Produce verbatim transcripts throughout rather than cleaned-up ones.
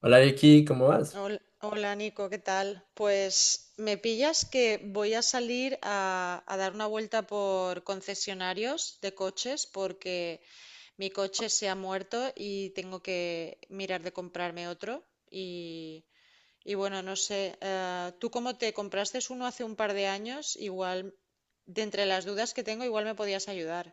Hola Vicky, ¿cómo vas? Hol- Hola, Nico, ¿qué tal? Pues me pillas que voy a salir a, a dar una vuelta por concesionarios de coches porque mi coche se ha muerto y tengo que mirar de comprarme otro. Y, y bueno, no sé, eh, tú como te compraste uno hace un par de años, igual, de entre las dudas que tengo, igual me podías ayudar.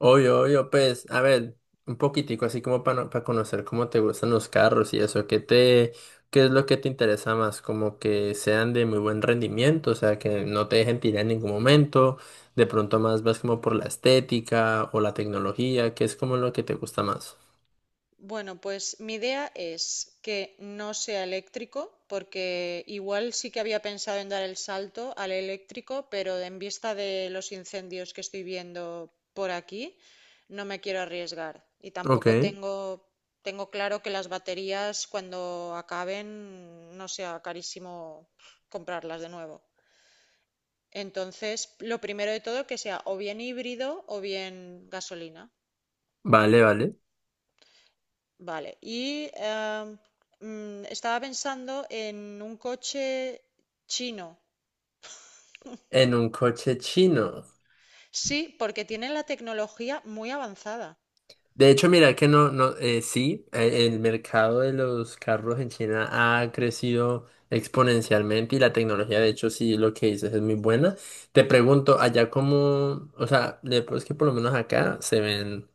Obvio, obvio, pues, a ver, un poquitico así como para conocer cómo te gustan los carros y eso, ¿qué te, ¿qué es lo que te interesa más? Como que sean de muy buen rendimiento, o sea, que no te dejen tirar en ningún momento, de pronto más vas como por la estética o la tecnología, ¿qué es como lo que te gusta más? Bueno, pues mi idea es que no sea eléctrico, porque igual sí que había pensado en dar el salto al eléctrico, pero en vista de los incendios que estoy viendo por aquí, no me quiero arriesgar. Y Ok, tampoco tengo, tengo claro que las baterías cuando acaben no sea carísimo comprarlas de nuevo. Entonces, lo primero de todo que sea o bien híbrido o bien gasolina. vale, vale. Vale, y em, mm, estaba pensando en un coche chino. En un coche chino. Sí, porque tienen la tecnología muy avanzada. De hecho, mira que no, no, eh, sí, eh, el mercado de los carros en China ha crecido exponencialmente y la tecnología, de hecho, sí, lo que dices es muy buena. Te pregunto, allá como, o sea, le- pues que por lo menos acá se ven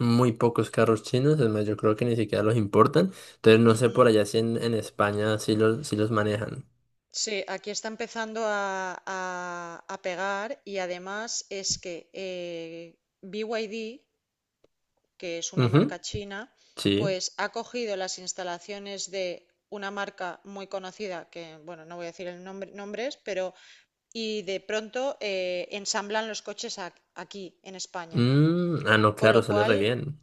muy pocos carros chinos, es más, yo creo que ni siquiera los importan. Entonces, no sé Ujú. por allá si en, en España sí los, sí los manejan. Sí, aquí está empezando a, a- a pegar y además es que eh, B Y D, que es una Ujú, marca china, sí. pues ha cogido las instalaciones de una marca muy conocida, que bueno, no voy a decir el nombre, nombres, pero y de pronto eh, ensamblan los coches ac- aquí, en España. Mm, ah, no, Con lo claro, sale re cual, bien.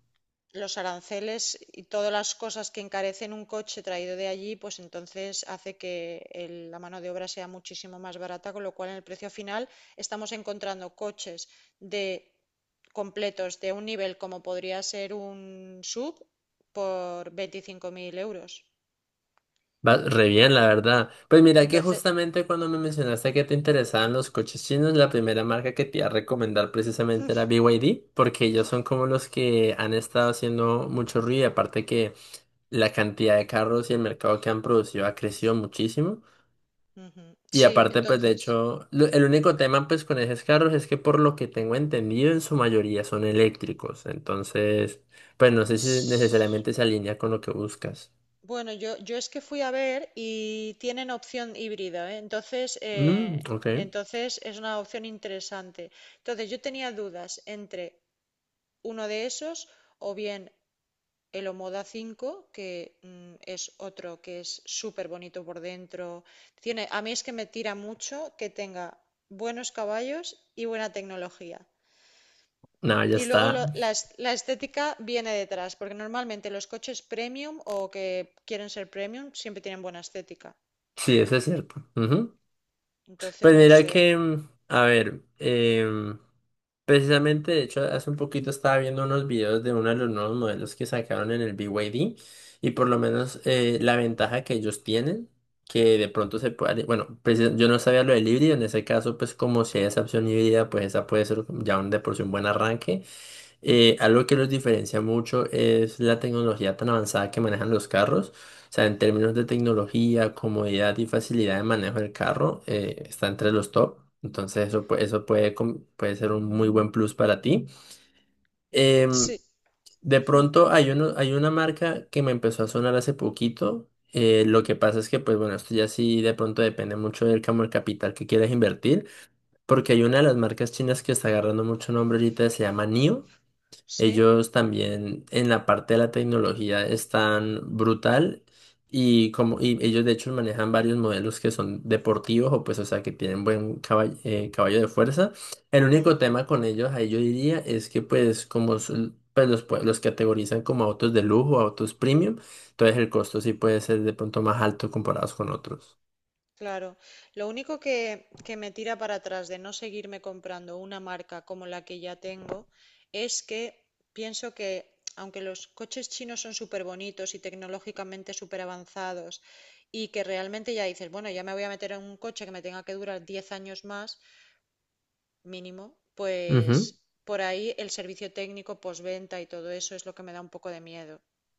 los aranceles y todas las cosas que encarecen un coche traído de allí, pues entonces hace que el- la mano de obra sea muchísimo más barata, con lo cual en el precio final estamos encontrando coches de completos de un nivel como podría ser un sub por veinticinco mil euros. Va re bien, la verdad. Pues mira que Entonces, justamente cuando me mencionaste que te interesaban los coches chinos, la primera marca que te iba a recomendar precisamente era B Y D, porque ellos son como los que han estado haciendo mucho ruido, y aparte que la cantidad de carros y el mercado que han producido ha crecido muchísimo. ujú, Y sí, aparte, pues de entonces, hecho, lo- el único tema pues con esos carros es que por lo que tengo entendido, en su mayoría son eléctricos. Entonces, pues no sé si necesariamente se alinea con lo que buscas. bueno, yo, yo es que fui a ver y tienen opción híbrida, ¿eh? Entonces, eh, Mm, ok. entonces es una opción interesante. Entonces yo tenía dudas entre uno de esos o bien el Omoda cinco que mm, es otro que es súper bonito por dentro. Tiene, a mí es que me tira mucho que tenga buenos caballos y buena tecnología. No, ya Y luego está. lo- la, es- la estética viene detrás, porque normalmente los coches premium o que quieren ser premium siempre tienen buena estética. Sí, eso es cierto. Ujú. Entonces, Pues no mira sé. que, mm, a ver, em, precisamente, de hecho, hace un poquito estaba viendo unos videos de uno de los nuevos modelos que sacaron en el B Y D y D y por lo menos eh, la ventaja que ellos tienen, que de pronto se puede, bueno, precis- yo no sabía lo del híbrido, en ese caso, pues como si hay esa opción híbrida, pues esa puede ser ya un de por sí un buen arranque. Eh, algo que los diferencia mucho es la tecnología tan avanzada que manejan los carros. O sea, en términos de tecnología, comodidad y facilidad de manejo del carro, eh, está entre los top. Entonces, eso, pu- eso puede, com- puede ser un muy buen plus para ti. Em, Sí, de mm, pronto, hay, uno, hay una marca que me empezó a sonar hace poquito. Eh, lo que pasa es que, pues bueno, esto ya sí de pronto depende mucho del camo el capital que quieras invertir, porque hay una de las marcas chinas que está agarrando mucho nombre ahorita, se llama nio. sí, Ellos también en la parte de la tecnología están brutal y como y ellos de hecho manejan varios modelos que son deportivos o pues o sea que tienen buen caball- eh, caballo de fuerza. El mm, único tema con ellos ahí yo diría es que pues como son- pues, los, pue- los categorizan como autos de lujo, autos premium, entonces el costo sí puede ser de pronto más alto comparados con otros. claro. Lo único que, que me tira para atrás de no seguirme comprando una marca como la que ya tengo es que pienso que, aunque los coches chinos son súper bonitos y tecnológicamente súper avanzados, y que realmente ya dices, bueno, ya me voy a meter en un coche que me tenga que durar diez años más mínimo, pues por ahí el servicio técnico, postventa y todo eso es lo que me da un poco de miedo.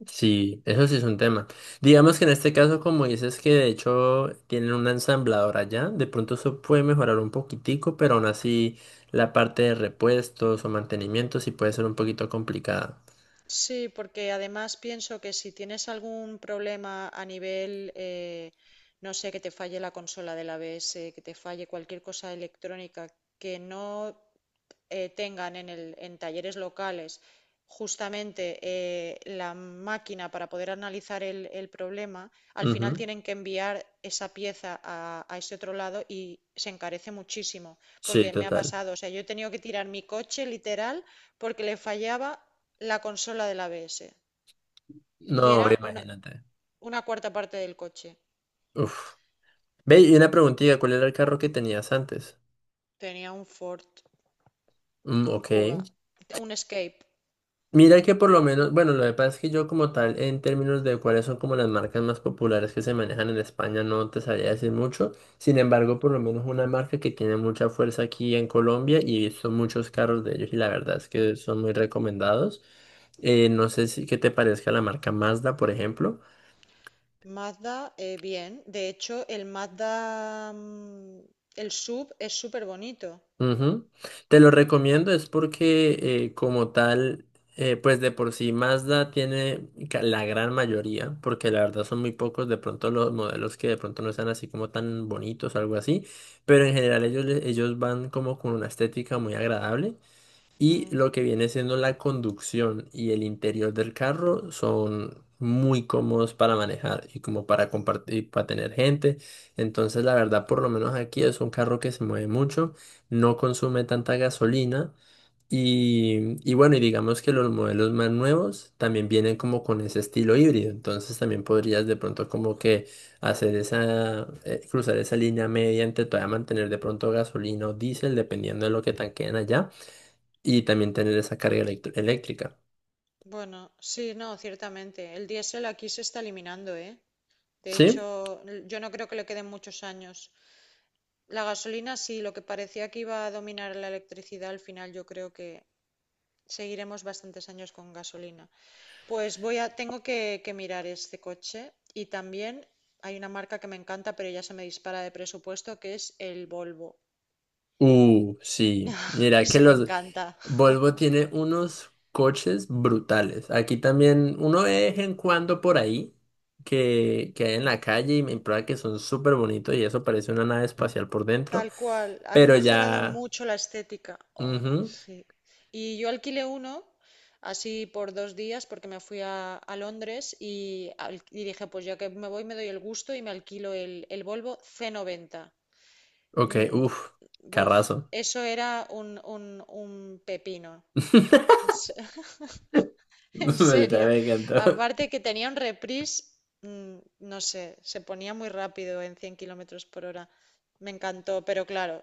Sí, eso sí es un tema. Digamos que en este caso, como dices que de hecho tienen una ensambladora ya, de pronto eso puede mejorar un poquitico, pero aún así la parte de repuestos o mantenimiento sí puede ser un poquito complicada. Sí, porque además pienso que si tienes algún problema a nivel, eh, no sé, que te falle la consola del A B S, que te falle cualquier cosa electrónica, que no eh, tengan en, el- en talleres locales justamente eh, la máquina para poder analizar el, el problema, al final Ujú. tienen que enviar esa pieza a, a ese otro lado y se encarece muchísimo, Sí, porque me ha total. pasado, o sea, yo he tenido que tirar mi coche literal porque le fallaba la consola del A B S y No, era una, imagínate. una cuarta parte del coche. Uf. Ve, y una preguntita, ¿cuál era el carro que tenías antes? Tenía un Ford, Mm, un ok. Kuga, un Escape. Mira que por lo menos, bueno, lo que pasa es que yo como tal, en términos de cuáles son como las marcas más populares que se manejan en España, no te sabría decir mucho. Sin embargo, por lo menos una marca que tiene mucha fuerza aquí en Colombia y he visto muchos carros de ellos y la verdad es que son muy recomendados. Eh, no sé si qué te parezca la marca Mazda, por ejemplo. Mazda, eh, bien. De hecho, el Mazda, mm, el sub es súper bonito. Ujú. Te lo recomiendo es porque eh, como tal, eh, pues de por sí Mazda tiene ca- la gran mayoría, porque la verdad son muy pocos de pronto los modelos que de pronto no están así como tan bonitos o algo así, pero en general ellos, le- ellos van como con una estética muy agradable. Y Mm, lo que viene siendo la conducción y el interior del carro son muy cómodos para manejar y como para compartir, para tener gente. Entonces, la verdad, por lo menos aquí es un carro que se mueve mucho, no consume tanta gasolina. Y, y bueno, y digamos que los modelos más nuevos también vienen como con ese estilo híbrido, entonces también podrías de pronto como que hacer esa, eh, cruzar esa línea media entre todavía mantener de pronto gasolina o diésel, dependiendo de lo que tanqueen allá y también tener esa carga electro- eléctrica. bueno, sí, no, ciertamente. El diésel aquí se está eliminando, ¿eh? De hecho, ¿Sí? l- yo no creo que le queden muchos años. La gasolina sí, lo que parecía que iba a dominar la electricidad, al final yo creo que seguiremos bastantes años con gasolina. Pues voy a, tengo que, que mirar este coche y también hay una marca que me encanta, pero ya se me dispara de presupuesto, que es el Volvo. Uh, sí. Mira que Ese me los encanta. Volvo tiene unos coches brutales. Aquí también uno ve de vez en cuando por ahí que, que hay en la calle y me prueba que son súper bonitos y eso parece una nave espacial por dentro. Tal cual. Han Pero mejorado ya. mucho la estética. Oh, Ujú. sí. Y yo alquilé uno así por dos días porque me fui a, a Londres y, al- y dije, pues ya que me voy me doy el gusto y me alquilo el, el Volvo C noventa. Ok, Mm, uff, buf, carrazo. eso era un, un, un pepino. En se- en serio. Me encantó. Aparte que tenía un reprise, mm, no sé, se ponía muy rápido en cien kilómetros por hora. Me encantó, pero claro,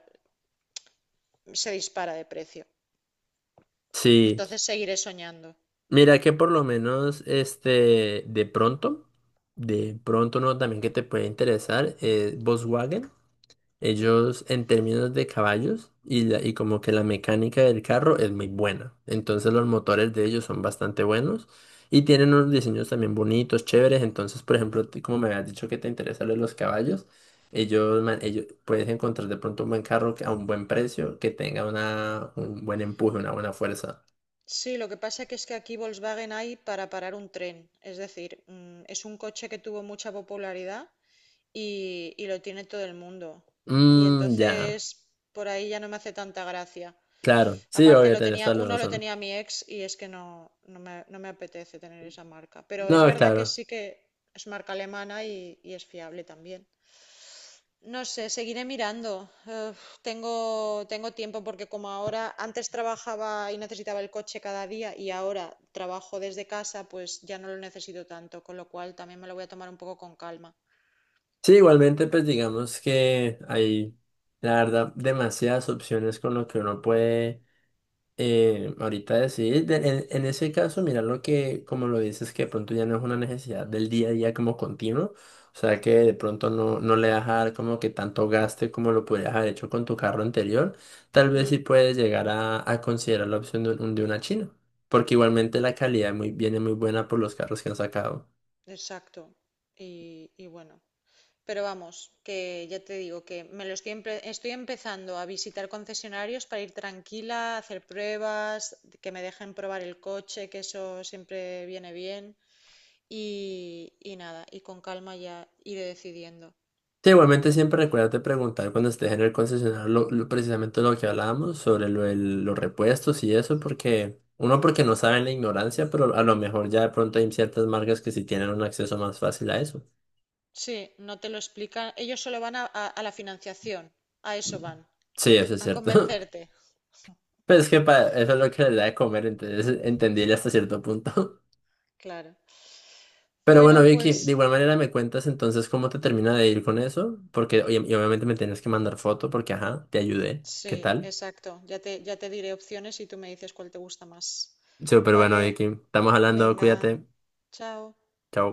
se dispara de precio. Sí. Entonces seguiré soñando. Mira que por lo menos, este, de pronto, de pronto no, también que te puede interesar, eh, Volkswagen, Mm. ellos en términos de caballos y, la- y como que la mecánica del carro es muy buena. Entonces los motores de ellos son bastante buenos y tienen unos diseños también bonitos, chéveres. Entonces, por ejemplo, tú como me habías dicho que te interesan lo de los caballos, ellos, ma- ellos puedes encontrar de pronto un buen carro que- a un buen precio que tenga una, un buen empuje, una buena fuerza. Sí, lo que pasa que es que aquí Volkswagen hay para parar un tren. Es decir, mm, es un coche que tuvo mucha popularidad y, y lo tiene todo el mundo. Y Mm, entonces ya. por ahí ya no me hace tanta gracia. Claro, sí, Aparte obvio, lo tenés tenía, toda la uno lo razón. tenía mi ex y es que no, no me, no me apetece tener esa marca. Pero es No, verdad que claro. sí que es marca alemana y, y es fiable también. No sé, seguiré mirando. Eh, tengo, tengo tiempo porque como ahora antes trabajaba y necesitaba el coche cada día y ahora trabajo desde casa, pues ya no lo necesito tanto, con lo cual también me lo voy a tomar un poco con calma. Sí, igualmente, pues digamos que hay, la verdad, demasiadas opciones con lo que uno puede eh, ahorita decidir. De- en, en ese caso, mira lo que, como lo dices, que de pronto ya no es una necesidad del día a día como continuo. O sea, que de pronto no, no le vas a dar como que tanto gaste como lo podrías haber hecho con tu carro anterior. Tal vez sí Mm, puedes llegar a, a considerar la opción de, un- de una China. Porque igualmente la calidad muy, viene muy buena por los carros que han sacado. exacto. Y, y bueno. Pero vamos, que ya te digo que me lo estoy, empe- estoy empezando a visitar concesionarios para ir tranquila, hacer pruebas, que me dejen probar el coche, que eso siempre viene bien. Y, y nada, y con calma ya iré decidiendo. Sí, igualmente siempre recuérdate preguntar cuando estés en el concesionario lo, lo- precisamente lo que hablábamos sobre lo, del- los repuestos y eso, porque uno porque no sabe en la ignorancia, pero a lo mejor ya de pronto hay ciertas marcas que sí tienen un acceso más fácil a eso. Sí, no te lo explican. Ellos solo van a, a- a la financiación, a eso Mm. van, Sí, a, eso es a cierto. convencerte, Pero es que para eso es lo que le da de comer, entonces entendible hasta cierto punto. claro. Pero bueno, Bueno, Vicky, de pues igual manera me cuentas entonces cómo te termina de ir con eso, porque oye, y obviamente me tienes que mandar foto porque, ajá, te ayudé. ¿Qué sí, tal? exacto. Ya te, ya te diré opciones y tú me dices cuál te gusta más. Súper bueno, Vale, Vicky. Estamos hablando, venga, cuídate. chao. Chao.